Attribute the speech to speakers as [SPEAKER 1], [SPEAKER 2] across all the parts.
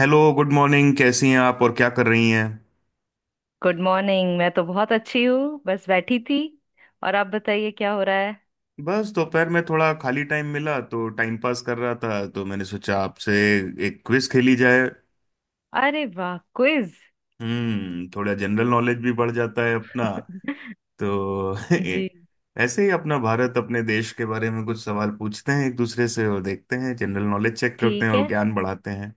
[SPEAKER 1] Hello, good morning. कैसी हैं आप? और क्या कर रही हैं?
[SPEAKER 2] Good morning. मैं तो बहुत अच्छी हूँ, बस बैठी थी। और आप बताइए क्या हो रहा है।
[SPEAKER 1] बस दोपहर में थोड़ा खाली टाइम मिला तो टाइम पास कर रहा था, तो मैंने सोचा आपसे एक क्विज खेली जाए।
[SPEAKER 2] अरे वाह, क्विज।
[SPEAKER 1] थोड़ा जनरल नॉलेज भी बढ़ जाता है अपना, तो
[SPEAKER 2] जी।
[SPEAKER 1] ऐसे ही अपना भारत, अपने देश के बारे में कुछ सवाल पूछते हैं एक दूसरे से और देखते हैं, जनरल नॉलेज चेक करते हैं
[SPEAKER 2] ठीक
[SPEAKER 1] और
[SPEAKER 2] है।
[SPEAKER 1] ज्ञान बढ़ाते हैं।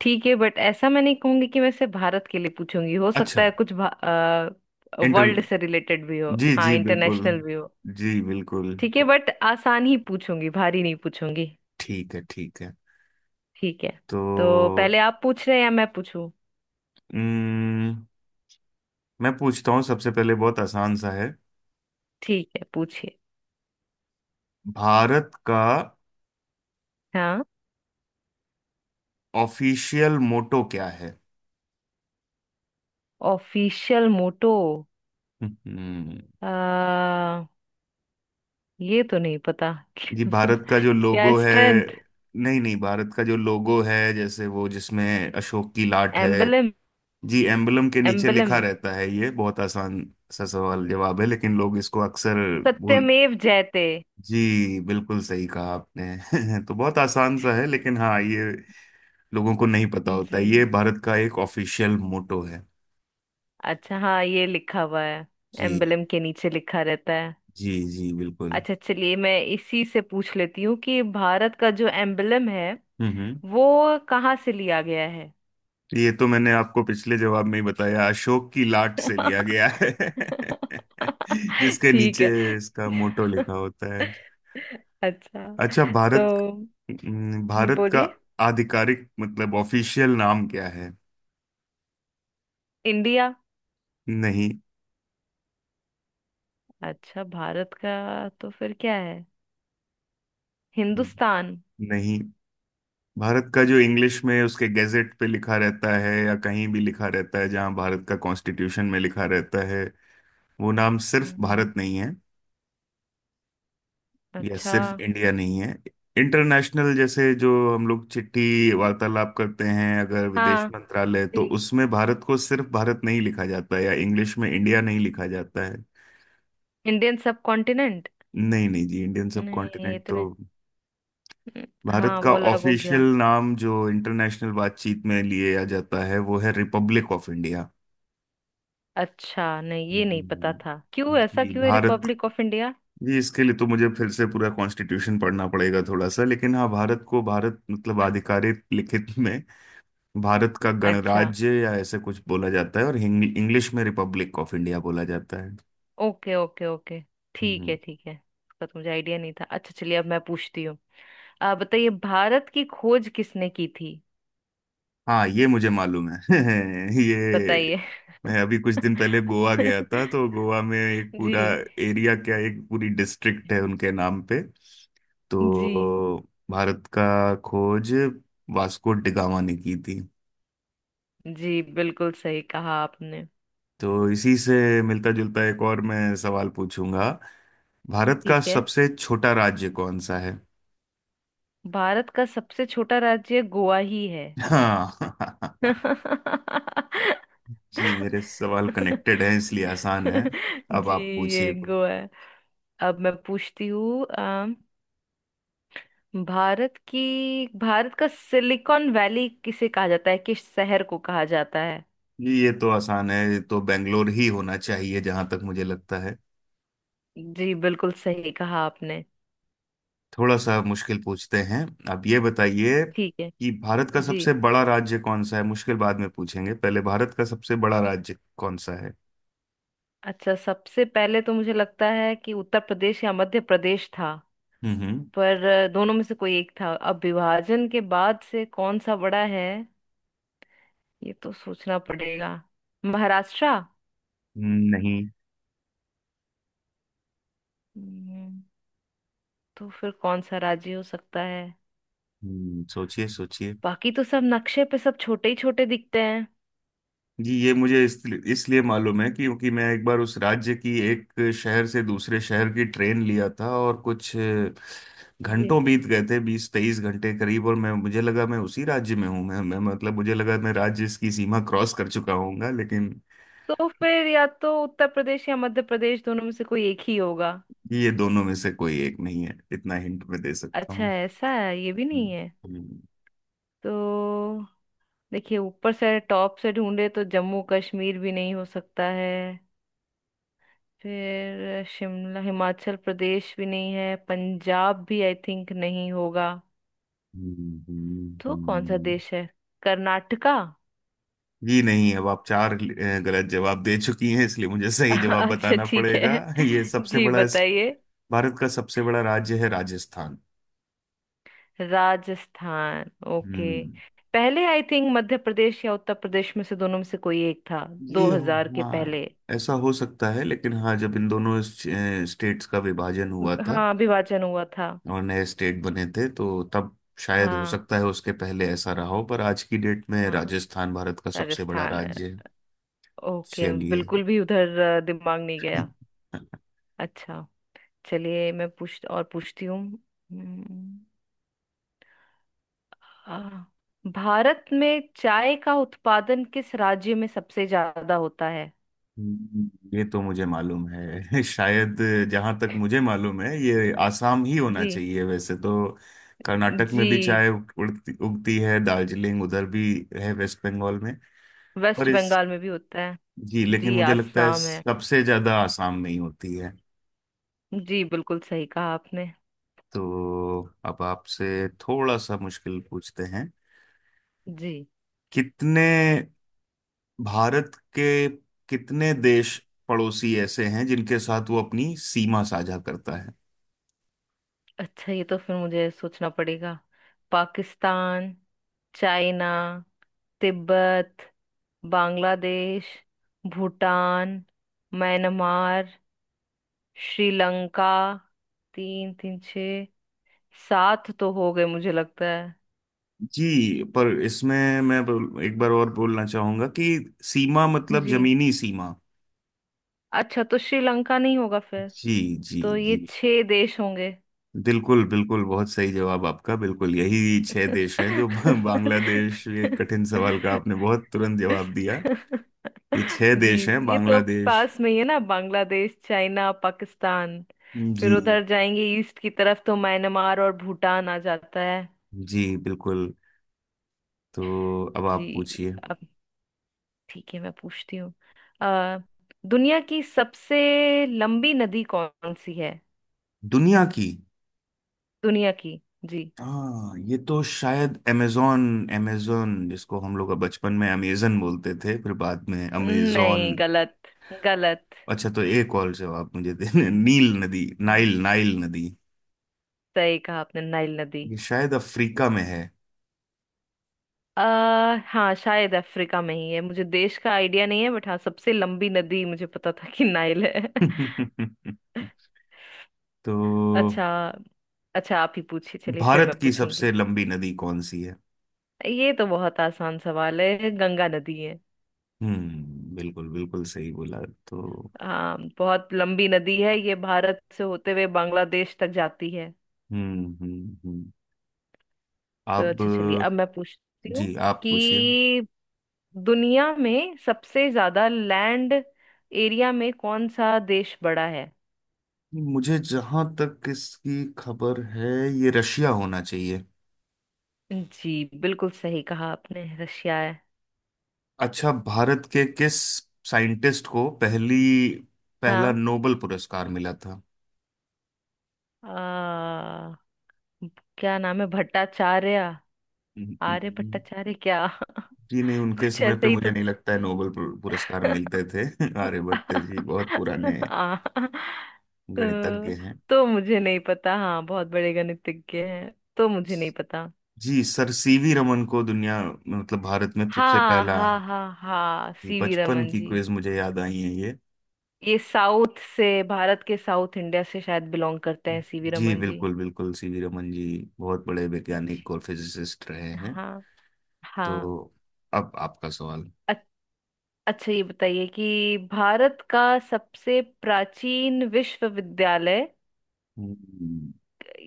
[SPEAKER 2] ठीक है, बट ऐसा मैं नहीं कहूंगी कि मैं सिर्फ भारत के लिए पूछूंगी, हो सकता
[SPEAKER 1] अच्छा।
[SPEAKER 2] है कुछ
[SPEAKER 1] इंटर
[SPEAKER 2] वर्ल्ड से रिलेटेड भी हो,
[SPEAKER 1] जी
[SPEAKER 2] हाँ
[SPEAKER 1] जी बिल्कुल।
[SPEAKER 2] इंटरनेशनल भी हो।
[SPEAKER 1] जी बिल्कुल।
[SPEAKER 2] ठीक
[SPEAKER 1] ओ,
[SPEAKER 2] है, बट आसान ही पूछूंगी, भारी नहीं पूछूंगी।
[SPEAKER 1] ठीक है, ठीक है।
[SPEAKER 2] ठीक है। तो
[SPEAKER 1] तो
[SPEAKER 2] पहले आप पूछ रहे हैं या मैं पूछूं?
[SPEAKER 1] हम्म मैं पूछता हूँ, सबसे पहले बहुत आसान सा है।
[SPEAKER 2] ठीक है, पूछिए।
[SPEAKER 1] भारत का
[SPEAKER 2] हाँ।
[SPEAKER 1] ऑफिशियल मोटो क्या है?
[SPEAKER 2] ऑफिशियल मोटो।
[SPEAKER 1] हम्म।
[SPEAKER 2] आ, ये तो नहीं पता।
[SPEAKER 1] जी,
[SPEAKER 2] क्या
[SPEAKER 1] भारत का जो लोगो है।
[SPEAKER 2] स्ट्रेंथ?
[SPEAKER 1] नहीं नहीं, भारत का जो लोगो है, जैसे वो जिसमें अशोक की लाट है,
[SPEAKER 2] एम्बलम।
[SPEAKER 1] जी एम्बलम के नीचे
[SPEAKER 2] एम्बलम।
[SPEAKER 1] लिखा रहता है। ये बहुत आसान सा सवाल जवाब है, लेकिन लोग इसको अक्सर भूल...
[SPEAKER 2] सत्यमेव जयते।
[SPEAKER 1] जी बिल्कुल, सही कहा आपने। तो बहुत आसान सा है, लेकिन हाँ, ये लोगों को नहीं पता होता
[SPEAKER 2] जी।
[SPEAKER 1] है, ये भारत का एक ऑफिशियल मोटो है।
[SPEAKER 2] अच्छा, हाँ ये लिखा हुआ है।
[SPEAKER 1] जी।
[SPEAKER 2] एम्बलम के नीचे लिखा रहता है।
[SPEAKER 1] जी जी बिल्कुल।
[SPEAKER 2] अच्छा, चलिए मैं इसी से पूछ लेती हूँ कि भारत का जो एम्बलम है,
[SPEAKER 1] हम्म।
[SPEAKER 2] वो कहाँ से लिया गया है?
[SPEAKER 1] ये तो मैंने आपको पिछले जवाब में ही बताया, अशोक की लाट से लिया गया है जिसके
[SPEAKER 2] ठीक
[SPEAKER 1] नीचे
[SPEAKER 2] है।
[SPEAKER 1] इसका मोटो लिखा होता है।
[SPEAKER 2] अच्छा।
[SPEAKER 1] अच्छा,
[SPEAKER 2] तो
[SPEAKER 1] भारत। भारत का
[SPEAKER 2] बोलिए।
[SPEAKER 1] आधिकारिक मतलब ऑफिशियल नाम क्या है?
[SPEAKER 2] इंडिया।
[SPEAKER 1] नहीं
[SPEAKER 2] अच्छा, भारत का तो फिर क्या है? हिंदुस्तान?
[SPEAKER 1] नहीं, भारत का जो इंग्लिश में उसके गैजेट पे लिखा रहता है, या कहीं भी लिखा रहता है, जहां भारत का कॉन्स्टिट्यूशन में लिखा रहता है, वो नाम सिर्फ
[SPEAKER 2] हम्म,
[SPEAKER 1] भारत नहीं, यह
[SPEAKER 2] अच्छा।
[SPEAKER 1] सिर्फ इंडिया नहीं है। इंटरनेशनल जैसे जो हम लोग चिट्ठी वार्तालाप करते हैं, अगर विदेश
[SPEAKER 2] हाँ।
[SPEAKER 1] मंत्रालय, तो
[SPEAKER 2] जी।
[SPEAKER 1] उसमें भारत को सिर्फ भारत नहीं लिखा जाता है, या इंग्लिश में इंडिया नहीं लिखा जाता है।
[SPEAKER 2] Indian subcontinent.
[SPEAKER 1] नहीं नहीं, जी इंडियन सब
[SPEAKER 2] नहीं, ये
[SPEAKER 1] कॉन्टिनेंट
[SPEAKER 2] तो
[SPEAKER 1] तो...
[SPEAKER 2] नहीं। न-
[SPEAKER 1] भारत
[SPEAKER 2] हाँ,
[SPEAKER 1] का
[SPEAKER 2] वो अलग हो
[SPEAKER 1] ऑफिशियल
[SPEAKER 2] गया।
[SPEAKER 1] नाम जो इंटरनेशनल बातचीत में लिया जाता है, वो है रिपब्लिक ऑफ इंडिया।
[SPEAKER 2] अच्छा, नहीं ये नहीं पता था। क्यों
[SPEAKER 1] हम्म।
[SPEAKER 2] ऐसा?
[SPEAKER 1] जी
[SPEAKER 2] क्यों है
[SPEAKER 1] भारत।
[SPEAKER 2] Republic of India?
[SPEAKER 1] जी, इसके लिए तो मुझे फिर से पूरा कॉन्स्टिट्यूशन पढ़ना पड़ेगा थोड़ा सा, लेकिन हाँ, भारत को भारत मतलब आधिकारिक लिखित में भारत का
[SPEAKER 2] अच्छा।
[SPEAKER 1] गणराज्य या ऐसे कुछ बोला जाता है, और इंग्लिश में रिपब्लिक ऑफ इंडिया बोला जाता है।
[SPEAKER 2] Okay, okay, okay. ठीक
[SPEAKER 1] हम्म।
[SPEAKER 2] है, ठीक है, इसका तो मुझे आइडिया नहीं था। अच्छा, चलिए अब मैं पूछती हूँ। आप बताइए, भारत की खोज किसने की थी?
[SPEAKER 1] हाँ, ये मुझे मालूम है ये
[SPEAKER 2] बताइए।
[SPEAKER 1] मैं अभी कुछ दिन पहले गोवा गया था, तो गोवा में एक पूरा
[SPEAKER 2] जी।
[SPEAKER 1] एरिया, क्या एक पूरी डिस्ट्रिक्ट है उनके नाम पे,
[SPEAKER 2] जी।
[SPEAKER 1] तो भारत का खोज वास्को डिगामा ने की थी।
[SPEAKER 2] जी, बिल्कुल सही कहा आपने।
[SPEAKER 1] तो इसी से मिलता जुलता एक और मैं सवाल पूछूंगा। भारत का
[SPEAKER 2] ठीक है।
[SPEAKER 1] सबसे छोटा राज्य कौन सा है?
[SPEAKER 2] भारत का सबसे छोटा राज्य गोवा ही है।
[SPEAKER 1] हाँ जी, मेरे सवाल कनेक्टेड हैं, इसलिए आसान है। अब
[SPEAKER 2] जी।
[SPEAKER 1] आप
[SPEAKER 2] ये
[SPEAKER 1] पूछिए कुछ।
[SPEAKER 2] गोवा है। अब मैं पूछती हूँ। भारत की भारत का सिलिकॉन वैली किसे कहा जाता है? किस शहर को कहा जाता है?
[SPEAKER 1] जी, ये तो आसान है, ये तो बेंगलोर ही होना चाहिए, जहां तक मुझे लगता है।
[SPEAKER 2] जी, बिल्कुल सही कहा आपने।
[SPEAKER 1] थोड़ा सा मुश्किल पूछते हैं, आप ये बताइए,
[SPEAKER 2] ठीक है।
[SPEAKER 1] कि भारत का
[SPEAKER 2] जी।
[SPEAKER 1] सबसे बड़ा राज्य कौन सा है। मुश्किल बाद में पूछेंगे, पहले भारत का सबसे बड़ा राज्य कौन सा है?
[SPEAKER 2] अच्छा, सबसे पहले तो मुझे लगता है कि उत्तर प्रदेश या मध्य प्रदेश था,
[SPEAKER 1] हम्म।
[SPEAKER 2] पर दोनों में से कोई एक था। अब विभाजन के बाद से कौन सा बड़ा है? ये तो सोचना पड़ेगा। महाराष्ट्र?
[SPEAKER 1] हम्म, नहीं।
[SPEAKER 2] हम्म, तो फिर कौन सा राजी हो सकता है?
[SPEAKER 1] सोचिए सोचिए।
[SPEAKER 2] बाकी तो सब नक्शे पे सब छोटे ही छोटे दिखते हैं।
[SPEAKER 1] जी, ये मुझे इसलिए इसलिए मालूम है, क्योंकि मैं एक बार उस राज्य की एक शहर से दूसरे शहर की ट्रेन लिया था, और कुछ
[SPEAKER 2] जी।
[SPEAKER 1] घंटों बीत गए थे, 20-23 घंटे करीब, और मैं मुझे लगा मैं उसी राज्य में हूँ, मैं मतलब मुझे लगा मैं राज्य की सीमा क्रॉस कर चुका होऊंगा, लेकिन
[SPEAKER 2] तो फिर या तो उत्तर प्रदेश या मध्य प्रदेश, दोनों में से कोई एक ही होगा।
[SPEAKER 1] ये दोनों में से कोई एक नहीं है, इतना हिंट मैं दे सकता
[SPEAKER 2] अच्छा,
[SPEAKER 1] हूँ।
[SPEAKER 2] ऐसा है? ये भी नहीं
[SPEAKER 1] हम्म,
[SPEAKER 2] है?
[SPEAKER 1] हम्म,
[SPEAKER 2] तो देखिए, ऊपर से टॉप से ढूंढे तो जम्मू कश्मीर भी नहीं हो सकता है। फिर शिमला, हिमाचल प्रदेश भी नहीं है, पंजाब भी आई थिंक नहीं होगा।
[SPEAKER 1] हम्म, हम्म,
[SPEAKER 2] तो कौन सा
[SPEAKER 1] हम्म।
[SPEAKER 2] देश है? कर्नाटका?
[SPEAKER 1] जी नहीं, अब आप चार गलत जवाब दे चुकी हैं, इसलिए मुझे सही जवाब
[SPEAKER 2] अच्छा,
[SPEAKER 1] बताना
[SPEAKER 2] ठीक
[SPEAKER 1] पड़ेगा
[SPEAKER 2] है।
[SPEAKER 1] ये सबसे
[SPEAKER 2] जी,
[SPEAKER 1] बड़ा
[SPEAKER 2] बताइए।
[SPEAKER 1] भारत का सबसे बड़ा राज्य है राजस्थान।
[SPEAKER 2] राजस्थान। ओके।
[SPEAKER 1] हम्म।
[SPEAKER 2] पहले आई थिंक मध्य प्रदेश या उत्तर प्रदेश में से, दोनों में से कोई एक था
[SPEAKER 1] ये हो...
[SPEAKER 2] 2000 के
[SPEAKER 1] हाँ,
[SPEAKER 2] पहले।
[SPEAKER 1] ऐसा हो सकता है, लेकिन हाँ, जब इन दोनों स्टेट्स का विभाजन हुआ था,
[SPEAKER 2] हाँ, विभाजन हुआ था।
[SPEAKER 1] और नए स्टेट बने थे, तो तब शायद हो
[SPEAKER 2] हाँ,
[SPEAKER 1] सकता है उसके पहले ऐसा रहा हो, पर आज की डेट में
[SPEAKER 2] हाँ,
[SPEAKER 1] राजस्थान भारत का सबसे बड़ा
[SPEAKER 2] राजस्थान है।
[SPEAKER 1] राज्य है।
[SPEAKER 2] ओके,
[SPEAKER 1] चलिए
[SPEAKER 2] बिल्कुल भी उधर दिमाग नहीं गया। अच्छा, चलिए मैं पूछ और पूछती हूँ। हम्म, आ, भारत में चाय का उत्पादन किस राज्य में सबसे ज्यादा होता है?
[SPEAKER 1] ये तो मुझे मालूम है शायद। जहां तक मुझे मालूम है, ये आसाम ही होना
[SPEAKER 2] जी।
[SPEAKER 1] चाहिए, वैसे तो कर्नाटक में भी
[SPEAKER 2] जी,
[SPEAKER 1] चाय उड़ती उगती है, दार्जिलिंग उधर भी है, वेस्ट बंगाल में। पर
[SPEAKER 2] वेस्ट
[SPEAKER 1] इस...
[SPEAKER 2] बंगाल में भी होता है।
[SPEAKER 1] जी, लेकिन
[SPEAKER 2] जी,
[SPEAKER 1] मुझे लगता है
[SPEAKER 2] आसाम है।
[SPEAKER 1] सबसे ज्यादा आसाम में ही होती है।
[SPEAKER 2] जी, बिल्कुल सही कहा आपने।
[SPEAKER 1] तो अब आपसे थोड़ा सा मुश्किल पूछते हैं।
[SPEAKER 2] जी।
[SPEAKER 1] कितने भारत के कितने देश पड़ोसी ऐसे हैं, जिनके साथ वो अपनी सीमा साझा करता है?
[SPEAKER 2] अच्छा, ये तो फिर मुझे सोचना पड़ेगा। Pakistan, China, Tibet, Bangladesh, Bhutan, Myanmar, Sri Lanka. तीन, तीन, छ, सात तो हो गए, मुझे लगता है।
[SPEAKER 1] जी, पर इसमें मैं एक बार और बोलना चाहूंगा कि सीमा मतलब
[SPEAKER 2] जी।
[SPEAKER 1] जमीनी सीमा।
[SPEAKER 2] अच्छा, तो श्रीलंका नहीं होगा फिर।
[SPEAKER 1] जी जी।
[SPEAKER 2] तो ये
[SPEAKER 1] जी
[SPEAKER 2] छह देश होंगे।
[SPEAKER 1] बिल्कुल, बिल्कुल बहुत सही जवाब आपका, बिल्कुल यही छह देश हैं, जो बांग्लादेश, ये कठिन सवाल का आपने बहुत तुरंत जवाब दिया। ये छह
[SPEAKER 2] जी।
[SPEAKER 1] देश हैं
[SPEAKER 2] ये तो
[SPEAKER 1] बांग्लादेश।
[SPEAKER 2] पास में ही है ना, बांग्लादेश, चाइना, पाकिस्तान।
[SPEAKER 1] जी
[SPEAKER 2] फिर उधर जाएंगे ईस्ट की तरफ तो म्यांमार और भूटान आ जाता है।
[SPEAKER 1] जी बिल्कुल। तो अब
[SPEAKER 2] जी।
[SPEAKER 1] आप पूछिए।
[SPEAKER 2] अब ठीक है, मैं पूछती हूँ। अ, दुनिया की सबसे लंबी नदी कौन सी है?
[SPEAKER 1] दुनिया की...
[SPEAKER 2] दुनिया की। जी
[SPEAKER 1] हाँ, ये तो शायद अमेजोन, अमेजोन जिसको हम लोग बचपन में अमेजन बोलते थे, फिर बाद में अमेजोन।
[SPEAKER 2] नहीं, गलत। गलत।
[SPEAKER 1] अच्छा, तो एक और जवाब मुझे देने, नील नदी
[SPEAKER 2] जी,
[SPEAKER 1] नाइल नाइल नदी।
[SPEAKER 2] सही कहा आपने। नाइल नदी।
[SPEAKER 1] ये शायद अफ्रीका में है
[SPEAKER 2] हाँ, शायद अफ्रीका में ही है। मुझे देश का आइडिया नहीं है, बट हाँ, सबसे लंबी नदी मुझे पता था कि नाइल है।
[SPEAKER 1] तो
[SPEAKER 2] अच्छा। अच्छा, आप ही पूछिए, चलिए फिर
[SPEAKER 1] भारत
[SPEAKER 2] मैं
[SPEAKER 1] की सबसे
[SPEAKER 2] पूछूंगी।
[SPEAKER 1] लंबी नदी कौन सी है?
[SPEAKER 2] ये तो बहुत आसान सवाल है। गंगा नदी है।
[SPEAKER 1] हम्म, बिल्कुल बिल्कुल सही बोला। तो
[SPEAKER 2] हाँ, बहुत लंबी नदी है, ये भारत से होते हुए बांग्लादेश तक जाती है।
[SPEAKER 1] हम्म।
[SPEAKER 2] तो
[SPEAKER 1] अब...
[SPEAKER 2] अच्छा, चलिए अब मैं पूछती हूँ
[SPEAKER 1] जी, आप पूछिए।
[SPEAKER 2] कि दुनिया में सबसे ज्यादा लैंड एरिया में कौन सा देश बड़ा है?
[SPEAKER 1] मुझे जहां तक इसकी खबर है, ये रशिया होना चाहिए।
[SPEAKER 2] जी, बिल्कुल सही कहा आपने। रशिया है।
[SPEAKER 1] अच्छा, भारत के किस साइंटिस्ट को पहली पहला
[SPEAKER 2] हाँ,
[SPEAKER 1] नोबल पुरस्कार मिला था?
[SPEAKER 2] आ, क्या नाम है? भट्टाचार्य? आर्य भट्टाचार्य, क्या।
[SPEAKER 1] जी नहीं, उनके
[SPEAKER 2] कुछ
[SPEAKER 1] समय
[SPEAKER 2] ऐसे
[SPEAKER 1] पे
[SPEAKER 2] ही
[SPEAKER 1] मुझे
[SPEAKER 2] तो।
[SPEAKER 1] नहीं लगता है नोबेल पुरस्कार मिलते थे आर्यभट्ट जी बहुत पुराने
[SPEAKER 2] आ, तो
[SPEAKER 1] गणितज्ञ हैं।
[SPEAKER 2] तो मुझे नहीं पता। हाँ, बहुत बड़े गणितज्ञ हैं। तो मुझे नहीं पता।
[SPEAKER 1] जी, सर सीवी रमन को दुनिया मतलब भारत में सबसे
[SPEAKER 2] हाँ,
[SPEAKER 1] पहला।
[SPEAKER 2] हाँ, हाँ, हाँ,
[SPEAKER 1] जी,
[SPEAKER 2] सीवी
[SPEAKER 1] बचपन
[SPEAKER 2] रमन
[SPEAKER 1] की
[SPEAKER 2] जी।
[SPEAKER 1] क्विज मुझे याद आई है ये।
[SPEAKER 2] ये साउथ से भारत के साउथ इंडिया से शायद बिलोंग करते हैं, सीवी
[SPEAKER 1] जी
[SPEAKER 2] रमन जी।
[SPEAKER 1] बिल्कुल बिल्कुल, सीवी रमन जी बहुत बड़े
[SPEAKER 2] जी।
[SPEAKER 1] वैज्ञानिक और फिजिसिस्ट रहे हैं।
[SPEAKER 2] हाँ।
[SPEAKER 1] तो
[SPEAKER 2] हाँ।
[SPEAKER 1] अब आपका सवाल।
[SPEAKER 2] अच्छा, ये बताइए कि भारत का सबसे प्राचीन विश्वविद्यालय,
[SPEAKER 1] हम्म,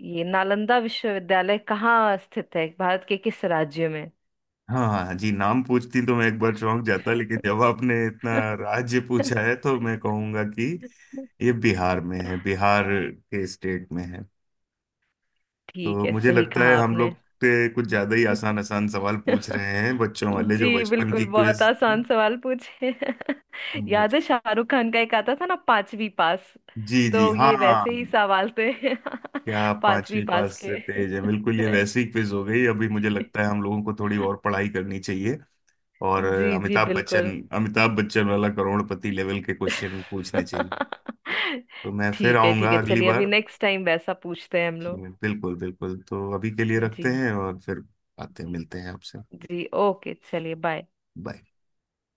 [SPEAKER 2] ये नालंदा विश्वविद्यालय कहाँ स्थित है, भारत के किस राज्य में?
[SPEAKER 1] हाँ हाँ, हाँ, जी नाम पूछती तो मैं एक बार चौंक जाता, लेकिन जब आपने इतना राज्य पूछा है, तो मैं कहूंगा कि ये बिहार में है, बिहार के स्टेट में है।
[SPEAKER 2] ठीक
[SPEAKER 1] तो
[SPEAKER 2] है,
[SPEAKER 1] मुझे
[SPEAKER 2] सही
[SPEAKER 1] लगता
[SPEAKER 2] कहा
[SPEAKER 1] है हम
[SPEAKER 2] आपने।
[SPEAKER 1] लोग के कुछ ज्यादा ही आसान आसान सवाल पूछ रहे हैं, बच्चों वाले, जो
[SPEAKER 2] जी
[SPEAKER 1] बचपन की
[SPEAKER 2] बिल्कुल, बहुत
[SPEAKER 1] क्विज थी।
[SPEAKER 2] आसान सवाल पूछे। याद
[SPEAKER 1] मुझे-
[SPEAKER 2] है शाहरुख खान का एक आता था ना, पांचवी पास?
[SPEAKER 1] जी जी
[SPEAKER 2] तो
[SPEAKER 1] हाँ।
[SPEAKER 2] ये वैसे ही सवाल थे,
[SPEAKER 1] क्या आप
[SPEAKER 2] पांचवी
[SPEAKER 1] पांचवी
[SPEAKER 2] पास
[SPEAKER 1] पास से
[SPEAKER 2] के।
[SPEAKER 1] तेज है, बिल्कुल ये वैसी क्विज हो गई अभी, मुझे लगता है हम लोगों को थोड़ी और पढ़ाई करनी चाहिए। और
[SPEAKER 2] जी, जी, बिल्कुल।
[SPEAKER 1] अमिताभ बच्चन वाला करोड़पति लेवल के क्वेश्चन पूछने चाहिए। तो मैं फिर
[SPEAKER 2] ठीक है, ठीक
[SPEAKER 1] आऊंगा
[SPEAKER 2] है,
[SPEAKER 1] अगली
[SPEAKER 2] चलिए अभी
[SPEAKER 1] बार।
[SPEAKER 2] नेक्स्ट टाइम वैसा पूछते हैं हम
[SPEAKER 1] जी
[SPEAKER 2] लोग।
[SPEAKER 1] बिल्कुल बिल्कुल, तो अभी के लिए
[SPEAKER 2] जी।
[SPEAKER 1] रखते हैं, और फिर आते हैं,
[SPEAKER 2] जी।
[SPEAKER 1] मिलते हैं आपसे।
[SPEAKER 2] जी, ओके चलिए, बाय।
[SPEAKER 1] बाय।